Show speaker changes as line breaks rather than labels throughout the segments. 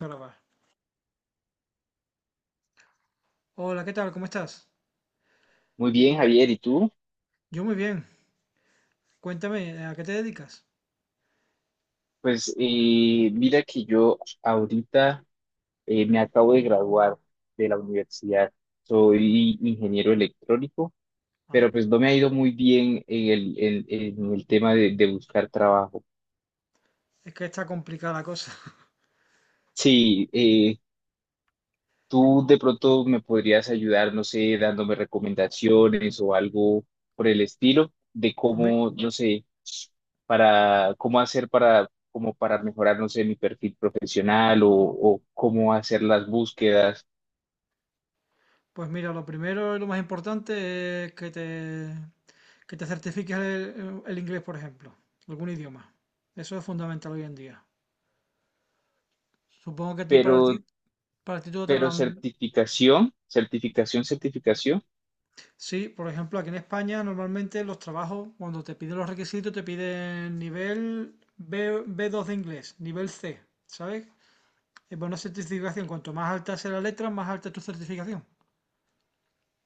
Grabar. Hola, ¿qué tal? ¿Cómo estás?
Muy bien, Javier, ¿y tú?
Yo muy bien. Cuéntame, ¿a qué te dedicas?
Pues mira que yo ahorita me acabo de graduar de la universidad. Soy ingeniero electrónico, pero
Ah,
pues no me ha ido muy bien en el tema de buscar trabajo.
es que está complicada la cosa.
Sí, tú de pronto me podrías ayudar, no sé, dándome recomendaciones o algo por el estilo de
Pues, mi-
cómo, no sé, para cómo hacer para como para mejorar, no sé, mi perfil profesional o cómo hacer las búsquedas,
pues mira, lo primero y lo más importante es que te certifiques el inglés, por ejemplo, algún idioma. Eso es fundamental hoy en día. Supongo que a ti para ti,
pero
para ti todo te
pero
hablan.
certificación, certificación, certificación.
Sí, por ejemplo, aquí en España normalmente los trabajos, cuando te piden los requisitos, te piden nivel B, B2 de inglés, nivel C, ¿sabes? Pues una certificación, cuanto más alta sea la letra, más alta es tu certificación.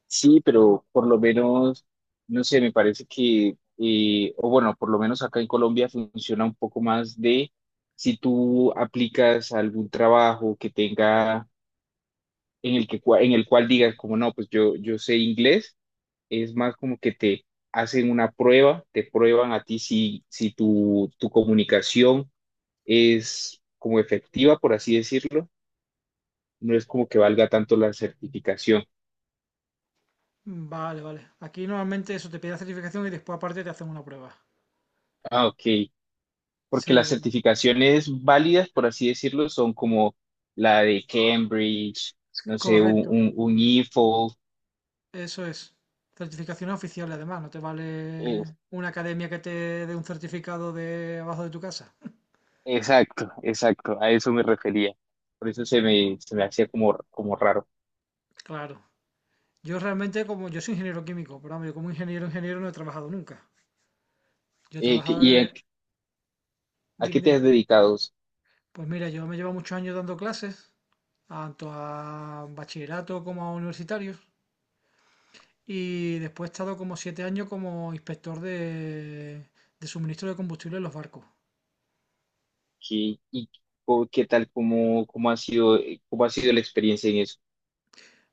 Sí, pero por lo menos, no sé, me parece que, o bueno, por lo menos acá en Colombia funciona un poco más de si tú aplicas a algún trabajo que tenga, en el que, en el cual digas como no, pues yo sé inglés, es más como que te hacen una prueba, te prueban a ti si tu comunicación es como efectiva, por así decirlo, no es como que valga tanto la certificación.
Vale, vale. Aquí normalmente eso te pide la certificación y después aparte te hacen una prueba.
Ah, ok. Porque las
Sí,
certificaciones válidas, por así decirlo, son como la de Cambridge, no sé, un,
correcto.
un, un IFO.
Eso es. Certificaciones oficiales además, no te
eh,
vale una academia que te dé un certificado de abajo de tu casa.
exacto, exacto, a eso me refería. Por eso se me hacía como, como raro.
Claro. Yo realmente, como yo soy ingeniero químico, pero vamos, yo como ingeniero no he trabajado nunca. Yo he
Eh, ¿qué-
trabajado
¿y a,
de-
a qué
Dime,
te
dime.
has dedicado?
Pues mira, yo me llevo muchos años dando clases, tanto a bachillerato como a universitarios. Y después he estado como siete años como inspector de suministro de combustible en los barcos.
¿Qué, y qué tal, cómo ha sido, cómo ha sido la experiencia en eso?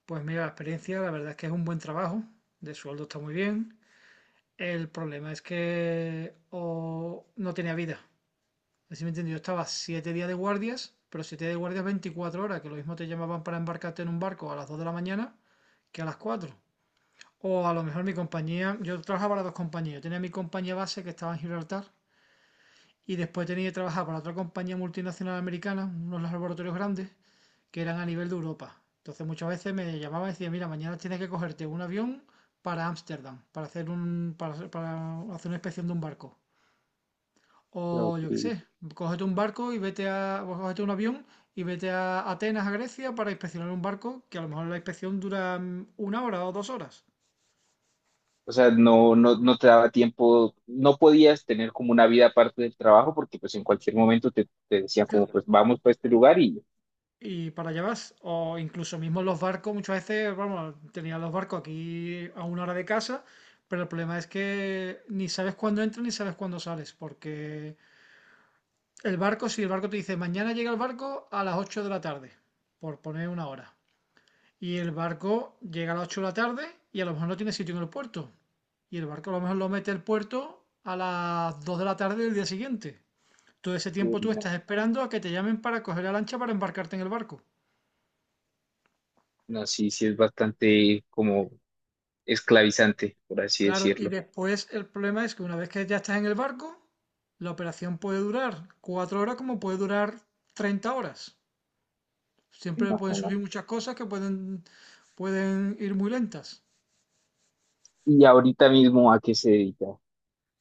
Pues mira, la experiencia, la verdad es que es un buen trabajo, de sueldo está muy bien. El problema es que o no tenía vida. Así me entiendo, yo estaba siete días de guardias, pero siete días de guardias 24 horas, que lo mismo te llamaban para embarcarte en un barco a las 2 de la mañana que a las 4. O a lo mejor mi compañía, yo trabajaba para dos compañías, yo tenía mi compañía base que estaba en Gibraltar. Y después tenía que trabajar para otra compañía multinacional americana, unos laboratorios grandes, que eran a nivel de Europa. Entonces muchas veces me llamaba y decía, mira, mañana tienes que cogerte un avión para Ámsterdam, para hacer para hacer una inspección de un barco. O
Ok.
yo qué sé, cógete un barco y vete a, o cógete un avión y vete a Atenas, a Grecia, para inspeccionar un barco que a lo mejor la inspección dura una hora o dos horas.
O sea, no, no, no te daba tiempo, no podías tener como una vida aparte del trabajo porque pues en cualquier momento te decían
Que
como pues vamos para este lugar
y para llevas, O incluso mismo los barcos, muchas veces, vamos, tenía los barcos aquí a una hora de casa, pero el problema es que ni sabes cuándo entras ni sabes cuándo sales, porque el barco, si el barco te dice mañana llega el barco a las 8 de la tarde, por poner una hora, y el barco llega a las 8 de la tarde y a lo mejor no tiene sitio en el puerto, y el barco a lo mejor lo mete el puerto a las 2 de la tarde del día siguiente. Todo ese
uy,
tiempo tú estás
no,
esperando a que te llamen para coger la lancha para embarcarte en el barco.
no, sí, sí es bastante como esclavizante, por así
Claro, y
decirlo.
después el problema es que una vez que ya estás en el barco, la operación puede durar cuatro horas como puede durar 30 horas. Siempre
No,
pueden
no, no.
surgir muchas cosas que pueden ir muy lentas.
Y ahorita mismo, ¿a qué se dedica?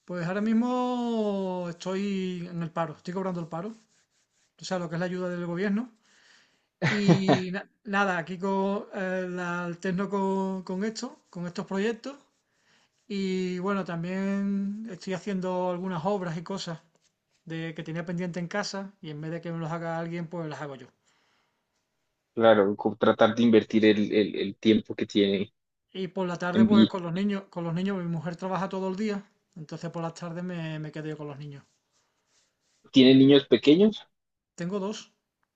Pues ahora mismo estoy en el paro, estoy cobrando el paro, o sea, lo que es la ayuda del gobierno. Y nada, la alterno con esto, con estos proyectos. Y bueno, también estoy haciendo algunas obras y cosas de que tenía pendiente en casa y en vez de que me los haga alguien, pues las hago yo.
Claro, con tratar de invertir el tiempo que tiene
Y por la tarde,
en
pues
vi-
con los niños, mi mujer trabaja todo el día, entonces por las tardes me quedo yo con los niños.
¿Tiene niños pequeños?
Tengo dos.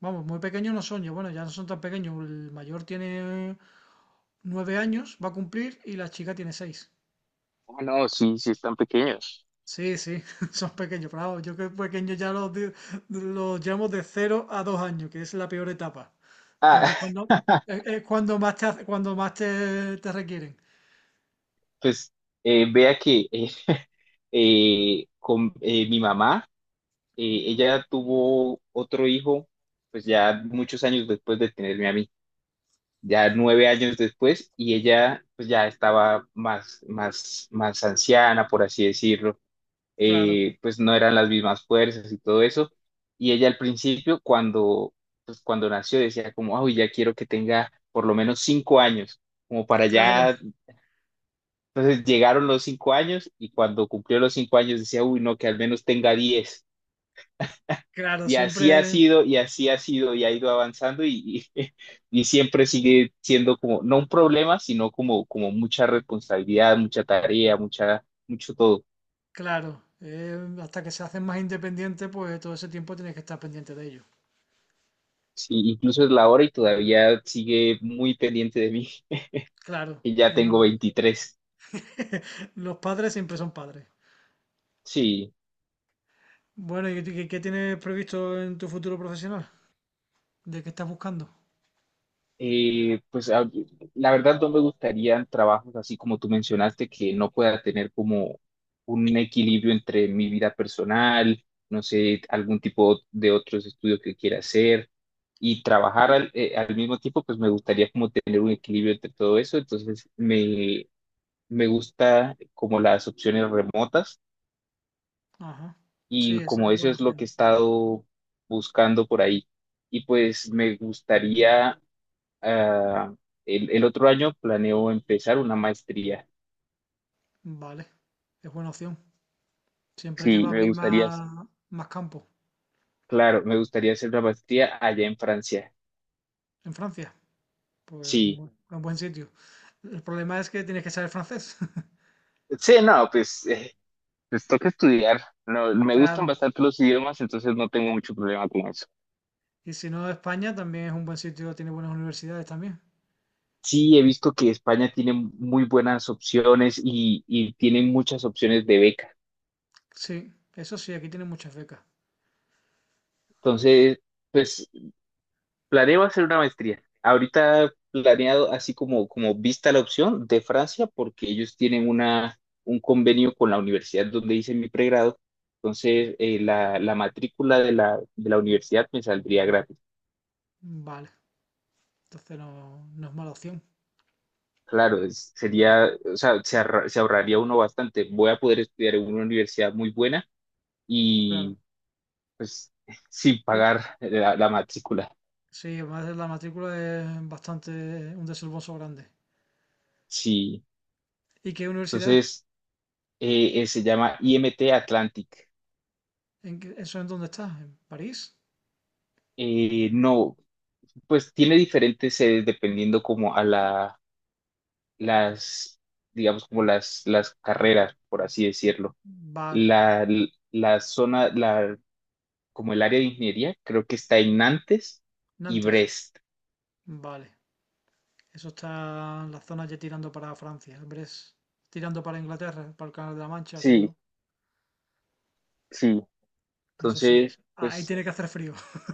Vamos, muy pequeños no son, yo bueno, ya no son tan pequeños. El mayor tiene nueve años, va a cumplir, y la chica tiene seis.
Ah, no, sí, sí están pequeños.
Sí, sí, son pequeños, pero vamos, yo que pequeños ya los llamo de cero a dos años, que es la peor etapa,
Ah,
porque es cuando más cuando más te requieren.
pues vea que con mi mamá, ella tuvo otro hijo, pues ya muchos años después de tenerme a mí. Ya 9 años después, y ella pues ya estaba más, más, más anciana, por así decirlo,
Claro,
pues no eran las mismas fuerzas y todo eso, y ella al principio cuando, pues cuando nació decía como, uy, ya quiero que tenga por lo menos 5 años, como para
claro.
ya, entonces llegaron los 5 años, y cuando cumplió los 5 años decía, uy, no, que al menos tenga 10.
Claro,
Y así ha
siempre,
sido, y así ha sido, y ha ido avanzando y siempre sigue siendo como, no un problema, sino como, como mucha responsabilidad, mucha tarea, mucha, mucho todo.
claro. Hasta que se hacen más independientes, pues todo ese tiempo tienes que estar pendiente de ellos.
Sí, incluso es la hora y todavía sigue muy pendiente de mí,
Claro,
y ya
es
tengo
normal.
23.
Los padres siempre son padres.
Sí.
Bueno, ¿ qué tienes previsto en tu futuro profesional? ¿De qué estás buscando?
Pues la verdad no me gustarían trabajos así como tú mencionaste, que no pueda tener como un equilibrio entre mi vida personal, no sé, algún tipo de otros estudios que quiera hacer y trabajar al mismo tiempo, pues me gustaría como tener un equilibrio entre todo eso. Entonces me gusta como las opciones remotas
Ajá. Sí,
y
esa
como
es
eso
buena
es lo que
opción.
he estado buscando por ahí. Y pues me gustaría ah, el otro año planeo empezar una maestría.
Vale, es buena opción. Siempre te
Sí,
va a
me
abrir
gustaría,
más, más campo.
claro, me gustaría hacer una maestría allá en Francia.
En Francia, pues
Sí,
un buen sitio. El problema es que tienes que saber francés.
sí, no, pues toca estudiar. No, me gustan
Claro.
bastante los idiomas, entonces no tengo mucho problema con eso.
Y si no, España también es un buen sitio, tiene buenas universidades también.
Sí, he visto que España tiene muy buenas opciones y tiene muchas opciones de beca.
Sí, eso sí, aquí tiene muchas becas.
Entonces, pues planeo hacer una maestría. Ahorita planeado así como, vista la opción de Francia, porque ellos tienen un convenio con la universidad donde hice mi pregrado. Entonces, la matrícula de la universidad me saldría gratis.
Vale, entonces no, no es mala opción.
Claro, sería, o sea, se ahorraría uno bastante. Voy a poder estudiar en una universidad muy buena
Claro.
y pues sin
Yo-
pagar la matrícula.
Sí, además la matrícula es bastante un desembolso grande.
Sí,
¿Y qué universidad es?
entonces se llama IMT Atlantic.
¿Eso es dónde está? ¿En París?
No, pues tiene diferentes sedes dependiendo como a la, las, digamos, como las carreras, por así decirlo.
Vale.
La, la zona, como el área de ingeniería, creo que está en Nantes y
Nantes.
Brest.
Vale. Eso está en la zona ya tirando para Francia, Brest. Tirando para Inglaterra, para el Canal de la Mancha,
Sí,
creo.
sí.
Eso sí,
Entonces,
ahí
pues,
tiene que hacer frío.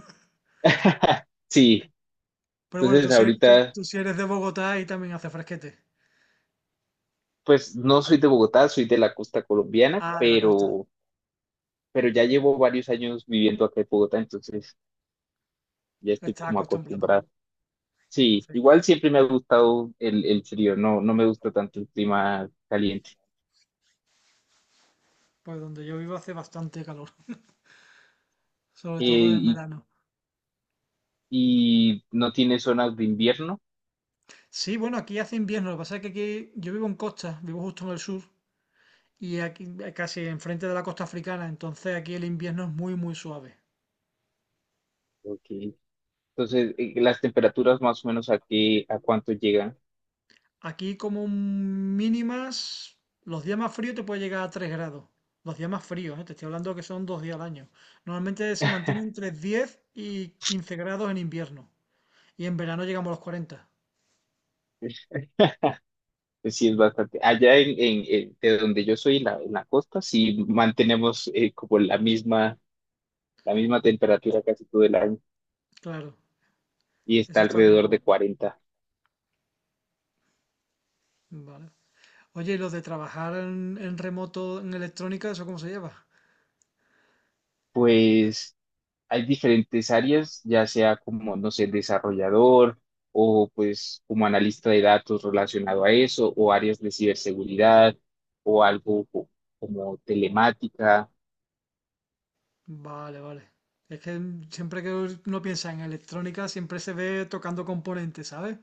sí,
Pero bueno,
entonces ahorita,
tú si eres de Bogotá, ahí también hace fresquete.
pues no soy de Bogotá, soy de la costa colombiana,
Ah, de la costa.
pero ya llevo varios años viviendo acá en Bogotá, entonces ya estoy
Está
como
acostumbrado.
acostumbrado. Sí,
Sí.
igual siempre me ha gustado el frío, no, no me gusta tanto el clima caliente.
Pues donde yo vivo hace bastante calor, sobre todo en
Eh, y,
verano.
y no tiene zonas de invierno.
Sí, bueno, aquí hace invierno, lo que pasa es que aquí yo vivo en costa, vivo justo en el sur y aquí casi enfrente de la costa africana, entonces aquí el invierno es muy muy suave.
Ok. Entonces, las temperaturas más o menos a qué, a cuánto llegan,
Aquí como mínimas, los días más fríos te puede llegar a 3 grados, los días más fríos, ¿eh? Te estoy hablando que son dos días al año. Normalmente se mantiene entre 10 y 15 grados en invierno y en verano llegamos a los cuarenta.
pues sí es bastante. Allá de donde yo soy, en la costa, sí mantenemos como la misma temperatura casi todo el año
Claro,
y está
eso está bien,
alrededor de 40.
vale. Oye, ¿y los de trabajar en remoto en electrónica, eso cómo se lleva?
Pues hay diferentes áreas, ya sea como, no sé, desarrollador o pues como analista de datos relacionado a eso, o áreas de ciberseguridad o algo como telemática.
Vale, vale. Es que siempre que uno piensa en electrónica, siempre se ve tocando componentes, ¿sabes?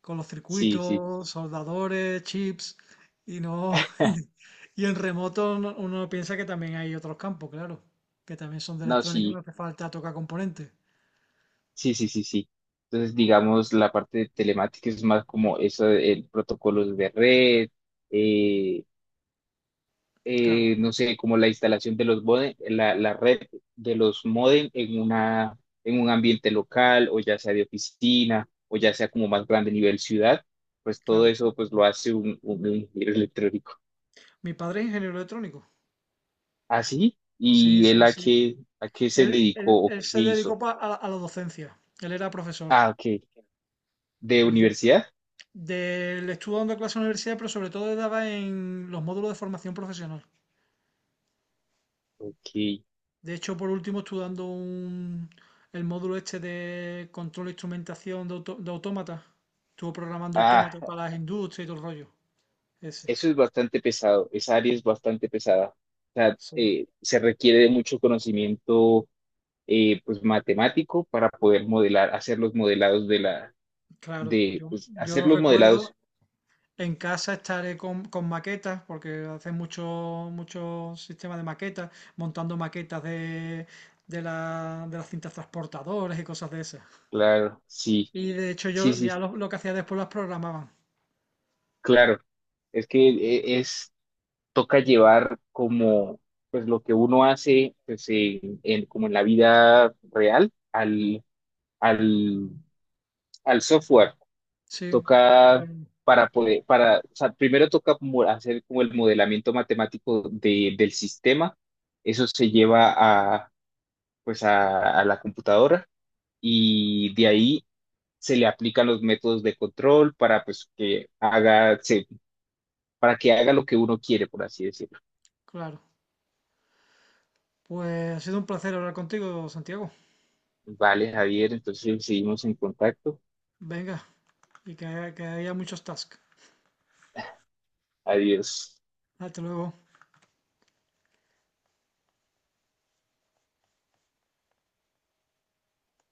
Con los
Sí, sí,
circuitos, soldadores, chips, y no... Y en remoto uno piensa que también hay otros campos, claro, que también son de
no,
electrónica, y no
sí,
hace falta tocar componentes.
sí, sí, sí, sí. Entonces, digamos, la parte de telemática es más como eso, el protocolos de red, eh,
Claro,
no sé, como la instalación de los modem, la red de los modem en un ambiente local o ya sea de oficina o ya sea como más grande nivel ciudad, pues todo
claro.
eso pues lo hace un ingeniero electrónico.
Mi padre es ingeniero electrónico.
Así,
Sí,
¿y él
sí,
a
sí.
qué, a qué se
Él,
dedicó o
él
qué
se dedicó
hizo?
a la docencia. Él era profesor.
Ah, ok, de
Él
universidad.
del le estuve dando clase en la universidad, pero sobre todo daba en los módulos de formación profesional.
Ok,
De hecho, por último, el módulo este de control e instrumentación de autómatas. Estuve programando autómatas
ah,
para las industrias y todo el rollo. Ese.
eso es bastante pesado, esa área es bastante pesada. O sea,
Sí,
se requiere de mucho conocimiento pues matemático para poder modelar, hacer los modelados de
claro.
pues
Yo
hacer
lo
los modelados,
recuerdo. En casa estaré con maquetas, porque hacen mucho sistemas de maquetas, montando maquetas de las cintas transportadoras y cosas de esas.
claro, sí,
Y de hecho
sí,
yo
sí,
ya lo que hacía después las programaba.
claro. Es que es, toca llevar como, pues lo que uno hace, pues como en la vida real, al, al software.
Sí,
Toca
ay,
para poder, para, o sea, primero toca hacer como el modelamiento matemático del sistema. Eso se lleva a, a la computadora y de ahí se le aplican los métodos de control para pues que haga, para que haga lo que uno quiere, por así decirlo.
claro. Pues ha sido un placer hablar contigo, Santiago.
Vale, Javier, entonces seguimos en contacto.
Venga, que haya muchos tasks.
Adiós.
Hasta luego.